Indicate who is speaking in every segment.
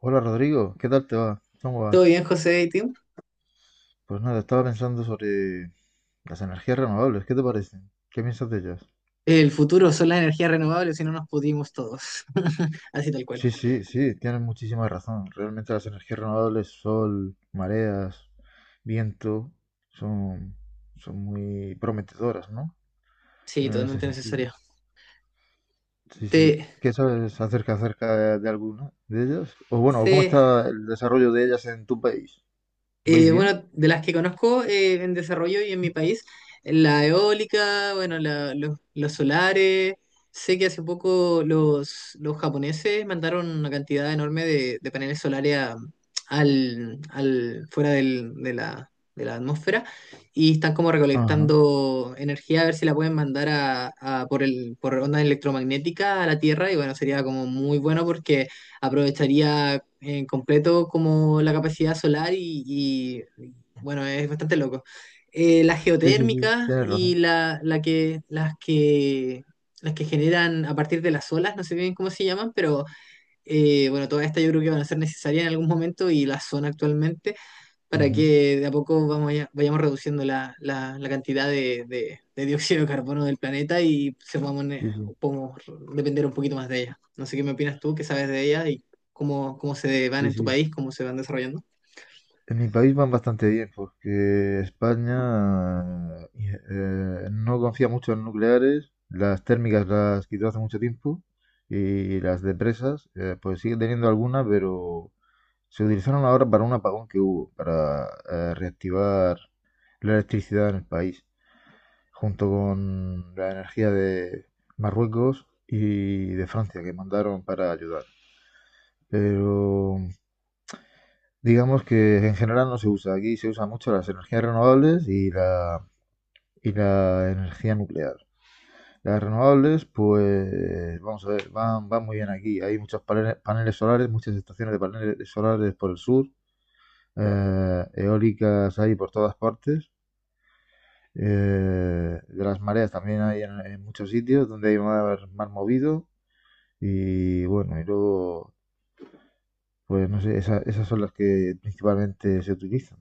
Speaker 1: Hola Rodrigo, ¿qué tal te va? ¿Cómo
Speaker 2: Todo
Speaker 1: vas?
Speaker 2: bien, José y Tim.
Speaker 1: Pues nada, estaba pensando sobre las energías renovables, ¿qué te parecen? ¿Qué piensas de ellas?
Speaker 2: El futuro son las energías renovables y no nos pudimos todos. Así tal cual.
Speaker 1: Sí, sí, sí, tienes muchísima razón. Realmente las energías renovables, sol, mareas, viento, son, son muy prometedoras, ¿no?
Speaker 2: Sí,
Speaker 1: En ese
Speaker 2: totalmente
Speaker 1: sentido.
Speaker 2: necesario.
Speaker 1: Sí, sí.
Speaker 2: Te,
Speaker 1: ¿Qué sabes acerca de alguna de ellas? O bueno, ¿cómo
Speaker 2: se
Speaker 1: está el desarrollo de ellas en tu país? ¿Vais bien?
Speaker 2: Bueno, de las que conozco en desarrollo y en mi país, la eólica, bueno, los solares. Sé que hace poco los japoneses mandaron una cantidad enorme de paneles solares al, fuera de la atmósfera y están como
Speaker 1: Ajá.
Speaker 2: recolectando energía a ver si la pueden mandar a por por onda electromagnética a la Tierra y bueno, sería como muy bueno porque aprovecharía en completo como la capacidad solar bueno, es bastante loco. Las
Speaker 1: Sí, sí, sí,
Speaker 2: geotérmicas
Speaker 1: tienes
Speaker 2: y
Speaker 1: razón.
Speaker 2: la que, las que las que generan a partir de las olas, no sé bien cómo se llaman, pero bueno, todas estas yo creo que van a ser necesarias en algún momento y la son actualmente para
Speaker 1: Ujú.
Speaker 2: que de a poco vayamos reduciendo la cantidad de dióxido de carbono del planeta y se podamos,
Speaker 1: Sí, sí,
Speaker 2: podamos depender un poquito más de ella. No sé qué me opinas tú, qué sabes de ella y cómo, cómo se van
Speaker 1: sí,
Speaker 2: en tu
Speaker 1: sí.
Speaker 2: país, cómo se van desarrollando.
Speaker 1: En mi país van bastante bien porque España no confía mucho en nucleares, las térmicas las quitó hace mucho tiempo y las de presas pues sigue teniendo alguna, pero se utilizaron ahora para un apagón que hubo, para reactivar la electricidad en el país, junto con la energía de Marruecos y de Francia que mandaron para ayudar. Pero, digamos que en general no se usa. Aquí se usan mucho las energías renovables y la energía nuclear. Las renovables, pues vamos a ver, van muy bien aquí. Hay muchos paneles solares, muchas estaciones de paneles solares por el sur. Eólicas hay por todas partes. De las mareas también hay en muchos sitios donde hay mar movido. Y bueno, y luego, pues no sé, esas son las que principalmente se utilizan.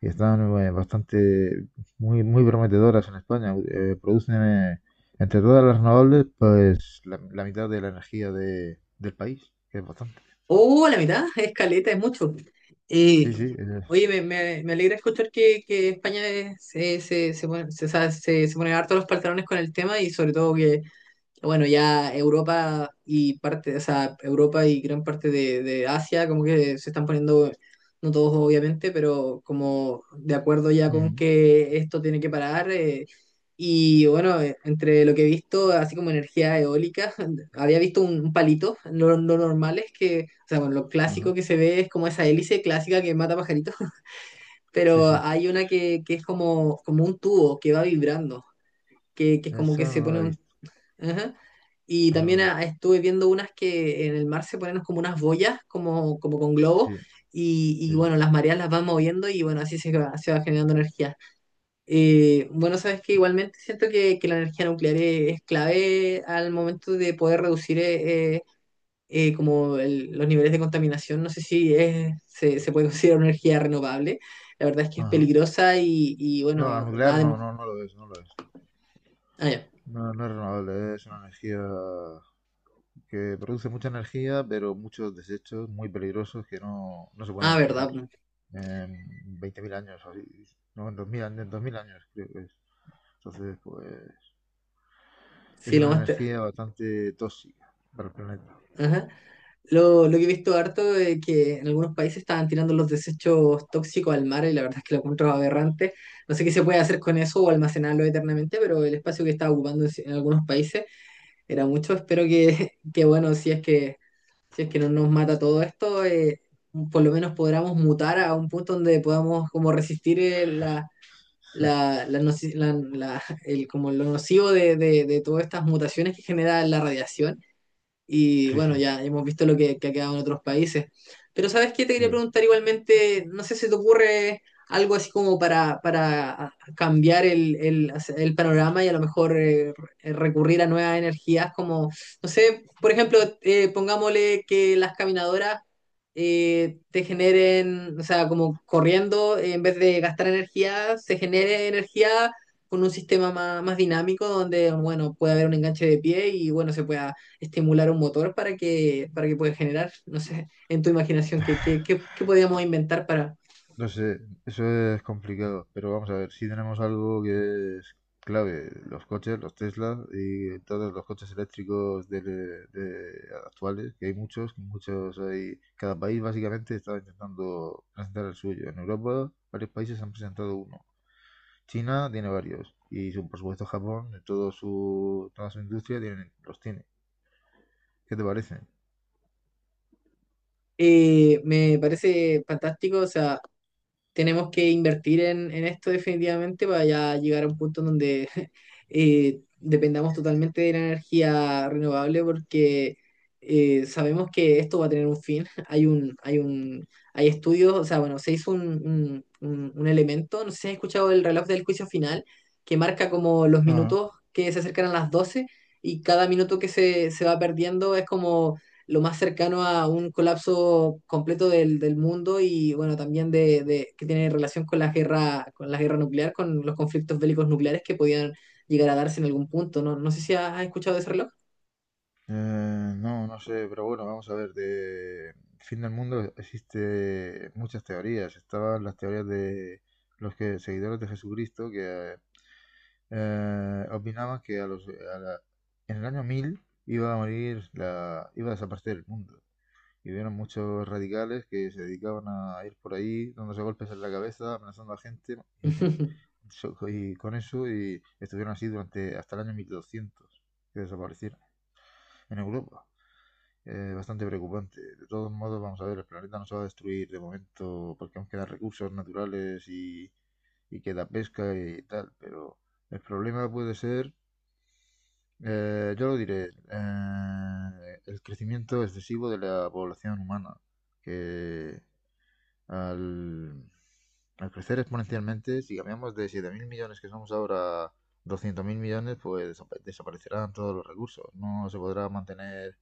Speaker 1: Que están, bueno, bastante muy muy prometedoras en España. Producen, entre todas las renovables, pues la mitad de la energía del país, que es bastante.
Speaker 2: Oh, la mitad, es caleta, es mucho. Eh,
Speaker 1: Sí, sí.
Speaker 2: Me alegra escuchar que España se pone, se, o sea, se pone harto los pantalones con el tema y sobre todo que bueno, ya Europa y parte, o sea, Europa y gran parte de Asia, como que se están poniendo, no todos obviamente, pero como de acuerdo ya con
Speaker 1: Ujú,
Speaker 2: que esto tiene que parar. Y bueno, entre lo que he visto, así como energía eólica, había visto un palito, lo normal es que, o sea, bueno, lo clásico
Speaker 1: ajá.
Speaker 2: que se ve es como esa hélice clásica que mata pajaritos,
Speaker 1: Sí,
Speaker 2: pero
Speaker 1: sí.
Speaker 2: hay una que es como, como un tubo que va vibrando, que es como que
Speaker 1: Esa
Speaker 2: se
Speaker 1: no la he
Speaker 2: pone.
Speaker 1: visto.
Speaker 2: Ajá. Y
Speaker 1: Esa no la
Speaker 2: también
Speaker 1: he
Speaker 2: ah,
Speaker 1: visto.
Speaker 2: estuve viendo unas que en el mar se ponen como unas boyas, como, como con globos,
Speaker 1: Sí,
Speaker 2: y
Speaker 1: sí, sí.
Speaker 2: bueno, las mareas las van moviendo y bueno, así se va generando energía. Bueno, sabes que igualmente siento que la energía nuclear es clave al momento de poder reducir como los niveles de contaminación. No sé si es, se puede considerar una energía renovable. La verdad es que es
Speaker 1: Ajá.
Speaker 2: peligrosa y
Speaker 1: No, la
Speaker 2: bueno,
Speaker 1: nuclear
Speaker 2: nada
Speaker 1: no,
Speaker 2: de...
Speaker 1: no, no lo es, no lo es.
Speaker 2: Ah, ya.
Speaker 1: No, no es renovable, es una energía que produce mucha energía, pero muchos desechos muy peligrosos que no se pueden
Speaker 2: Ah,
Speaker 1: eliminar
Speaker 2: verdad.
Speaker 1: en 20.000 años, o así. No, en 2000, en 2000 años, creo que es. Entonces, pues es
Speaker 2: Sí, lo
Speaker 1: una
Speaker 2: más... te-
Speaker 1: energía bastante tóxica para el planeta.
Speaker 2: Ajá. Lo que he visto harto es que en algunos países estaban tirando los desechos tóxicos al mar y la verdad es que lo encuentro aberrante. No sé qué se puede hacer con eso o almacenarlo eternamente, pero el espacio que estaba ocupando en algunos países era mucho. Espero que, que, bueno, si es que, si es que no nos mata todo esto, por lo menos podamos mutar a un punto donde podamos como resistir la, como lo nocivo de todas estas mutaciones que genera la radiación. Y
Speaker 1: Sí,
Speaker 2: bueno,
Speaker 1: sí,
Speaker 2: ya hemos visto lo que ha quedado en otros países. Pero ¿sabes qué? Te quería
Speaker 1: sí.
Speaker 2: preguntar igualmente, no sé si te ocurre algo así como para cambiar el panorama y a lo mejor recurrir a nuevas energías, como, no sé, por ejemplo, pongámosle que las caminadoras te generen, o sea, como corriendo, en vez de gastar energía, se genere energía con un sistema más, más dinámico donde, bueno, puede haber un enganche de pie y, bueno, se pueda estimular un motor para que pueda generar, no sé, en tu imaginación, qué, qué, qué, qué podríamos inventar para...
Speaker 1: No sé, eso es complicado, pero vamos a ver, si tenemos algo que es clave, los coches, los Tesla y todos los coches eléctricos actuales, que hay muchos, muchos hay, cada país básicamente está intentando presentar el suyo. En Europa varios países han presentado uno, China tiene varios y por supuesto Japón, todo su, toda su industria tiene, los tiene. ¿Qué te parece?
Speaker 2: Me parece fantástico, o sea, tenemos que invertir en esto definitivamente para ya llegar a un punto en donde dependamos totalmente de la energía renovable porque sabemos que esto va a tener un fin. Hay estudios, o sea, bueno, se hizo un, un elemento, no sé si has escuchado el reloj del juicio final, que marca como los minutos que se acercan a las 12 y cada minuto que se va perdiendo es como lo más cercano a un colapso completo del, del mundo y bueno, también de, que tiene relación con la guerra nuclear, con los conflictos bélicos nucleares que podían llegar a darse en algún punto. No, no sé si has escuchado de ese reloj.
Speaker 1: Eh, no, no sé, pero bueno, vamos a ver, de fin del mundo existe muchas teorías. Estaban las teorías de los que, seguidores de Jesucristo, que opinaban que a los, a la- en el año 1000 iba a morir, iba a desaparecer el mundo. Y hubieron muchos radicales que se dedicaban a ir por ahí dándose golpes en la cabeza, amenazando a gente y con eso y estuvieron así durante hasta el año 1200, que desaparecieron en Europa. Bastante preocupante. De todos modos, vamos a ver, el planeta no se va a destruir de momento porque aún quedan recursos naturales y queda pesca y tal, pero el problema puede ser, yo lo diré, el crecimiento excesivo de la población humana, que al, al crecer exponencialmente, si cambiamos de 7.000 millones que somos ahora a 200.000 millones, pues desaparecerán todos los recursos. No se podrá mantener,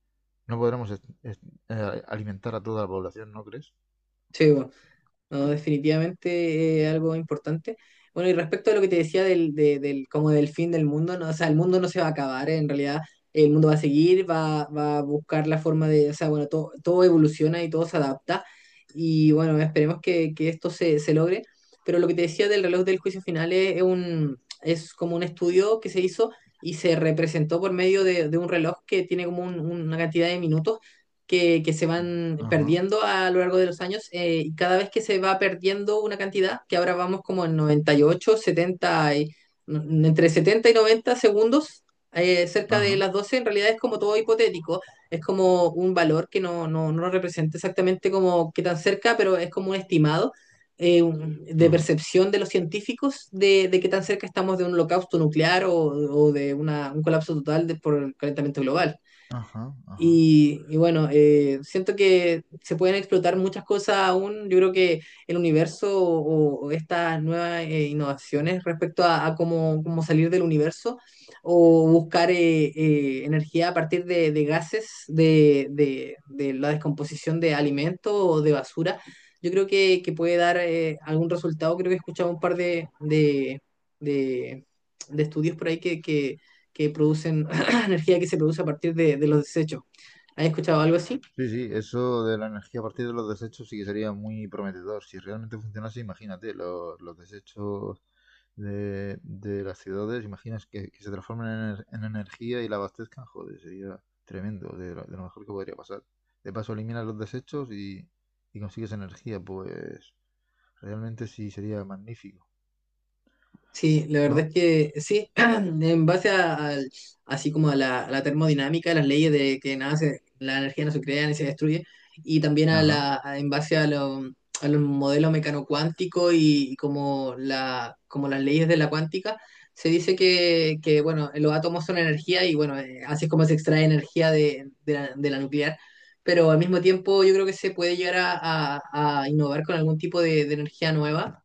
Speaker 1: no podremos alimentar a toda la población, ¿no crees?
Speaker 2: Sí, bueno. No, definitivamente algo importante. Bueno, y respecto a lo que te decía del, del, como del fin del mundo, no, o sea, el mundo no se va a acabar, en realidad el mundo va a seguir, va, va a buscar la forma de, o sea, bueno, todo, todo evoluciona y todo se adapta, y bueno, esperemos que esto se, se logre, pero lo que te decía del reloj del juicio final es un, es como un estudio que se hizo y se representó por medio de un reloj que tiene como una cantidad de minutos que se van
Speaker 1: Ajá,
Speaker 2: perdiendo a lo largo de los años y cada vez que se va perdiendo una cantidad, que ahora vamos como en 98, 70, entre 70 y 90 segundos, cerca de
Speaker 1: ajá,
Speaker 2: las 12 en realidad es como todo hipotético, es como un valor que no, no, no lo representa exactamente como qué tan cerca, pero es como un estimado. De
Speaker 1: ajá,
Speaker 2: percepción de los científicos de qué tan cerca estamos de un holocausto nuclear o de una- un colapso total por el calentamiento global.
Speaker 1: ajá, ajá.
Speaker 2: Y bueno, siento que se pueden explotar muchas cosas aún. Yo creo que el universo o estas nuevas innovaciones respecto a cómo, cómo salir del universo o buscar energía a partir de gases, de, de la descomposición de alimentos o de basura, yo creo que puede dar algún resultado. Creo que he escuchado un par de, de- de estudios por ahí que producen energía que se produce a partir de los desechos. ¿Has escuchado algo así?
Speaker 1: Sí, sí, eso de la energía a partir de los desechos sí que sería muy prometedor. Si realmente funcionase, imagínate, los desechos de las ciudades, imaginas que se transformen en energía y la abastezcan, joder, sería tremendo, de lo mejor que podría pasar. De paso, eliminas los desechos y consigues energía, pues realmente sí sería magnífico,
Speaker 2: Sí, la verdad
Speaker 1: ¿no?
Speaker 2: es que sí, en base a, así como a la termodinámica, las leyes de que nada la energía no se crea ni se destruye, y también a
Speaker 1: Ajá.
Speaker 2: la, en base a, a los modelos mecanocuánticos y como, la, como las leyes de la cuántica, se dice que, bueno, los átomos son energía y bueno, así es como se extrae energía de la nuclear, pero al mismo tiempo yo creo que se puede llegar a, a innovar con algún tipo de energía nueva.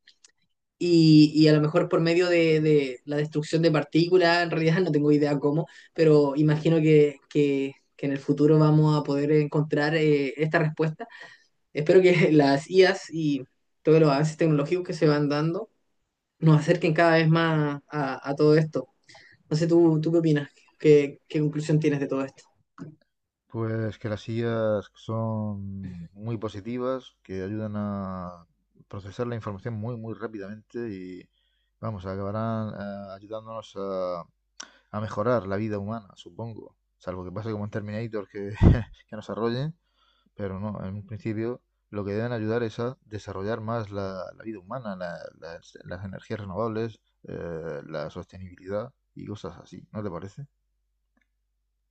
Speaker 2: Y a lo mejor por medio de la destrucción de partículas, en realidad no tengo idea cómo, pero imagino que en el futuro vamos a poder encontrar esta respuesta. Espero que las IAs y todos los avances tecnológicos que se van dando nos acerquen cada vez más a todo esto. No sé, ¿tú, tú qué opinas? ¿Qué, qué conclusión tienes de todo esto?
Speaker 1: Pues que las sillas son muy positivas, que ayudan a procesar la información muy, muy rápidamente y, vamos, acabarán ayudándonos a mejorar la vida humana, supongo. Salvo que pase como en Terminator que, que nos arrollen, pero no, en un principio lo que deben ayudar es a desarrollar más la vida humana, las energías renovables, la sostenibilidad y cosas así, ¿no te parece?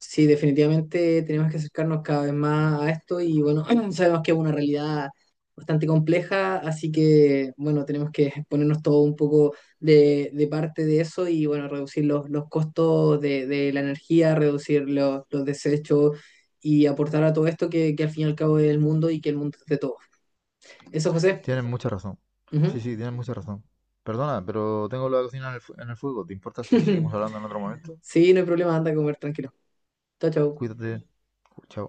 Speaker 2: Sí, definitivamente tenemos que acercarnos cada vez más a esto y bueno, sabemos que es una realidad bastante compleja, así que bueno, tenemos que ponernos todo un poco de parte de eso y bueno, reducir los costos de la energía, reducir los desechos y aportar a todo esto que al fin y al cabo es el mundo y que el mundo es de todos. Eso, José.
Speaker 1: Tienen mucha razón.
Speaker 2: Ujú.
Speaker 1: Sí, sí, tienen mucha razón. Perdona, pero tengo la cocina en el fuego. ¿Te importa si seguimos hablando en otro momento?
Speaker 2: Sí, no hay problema, anda a comer tranquilo. Chao, chao.
Speaker 1: Cuídate. Chao.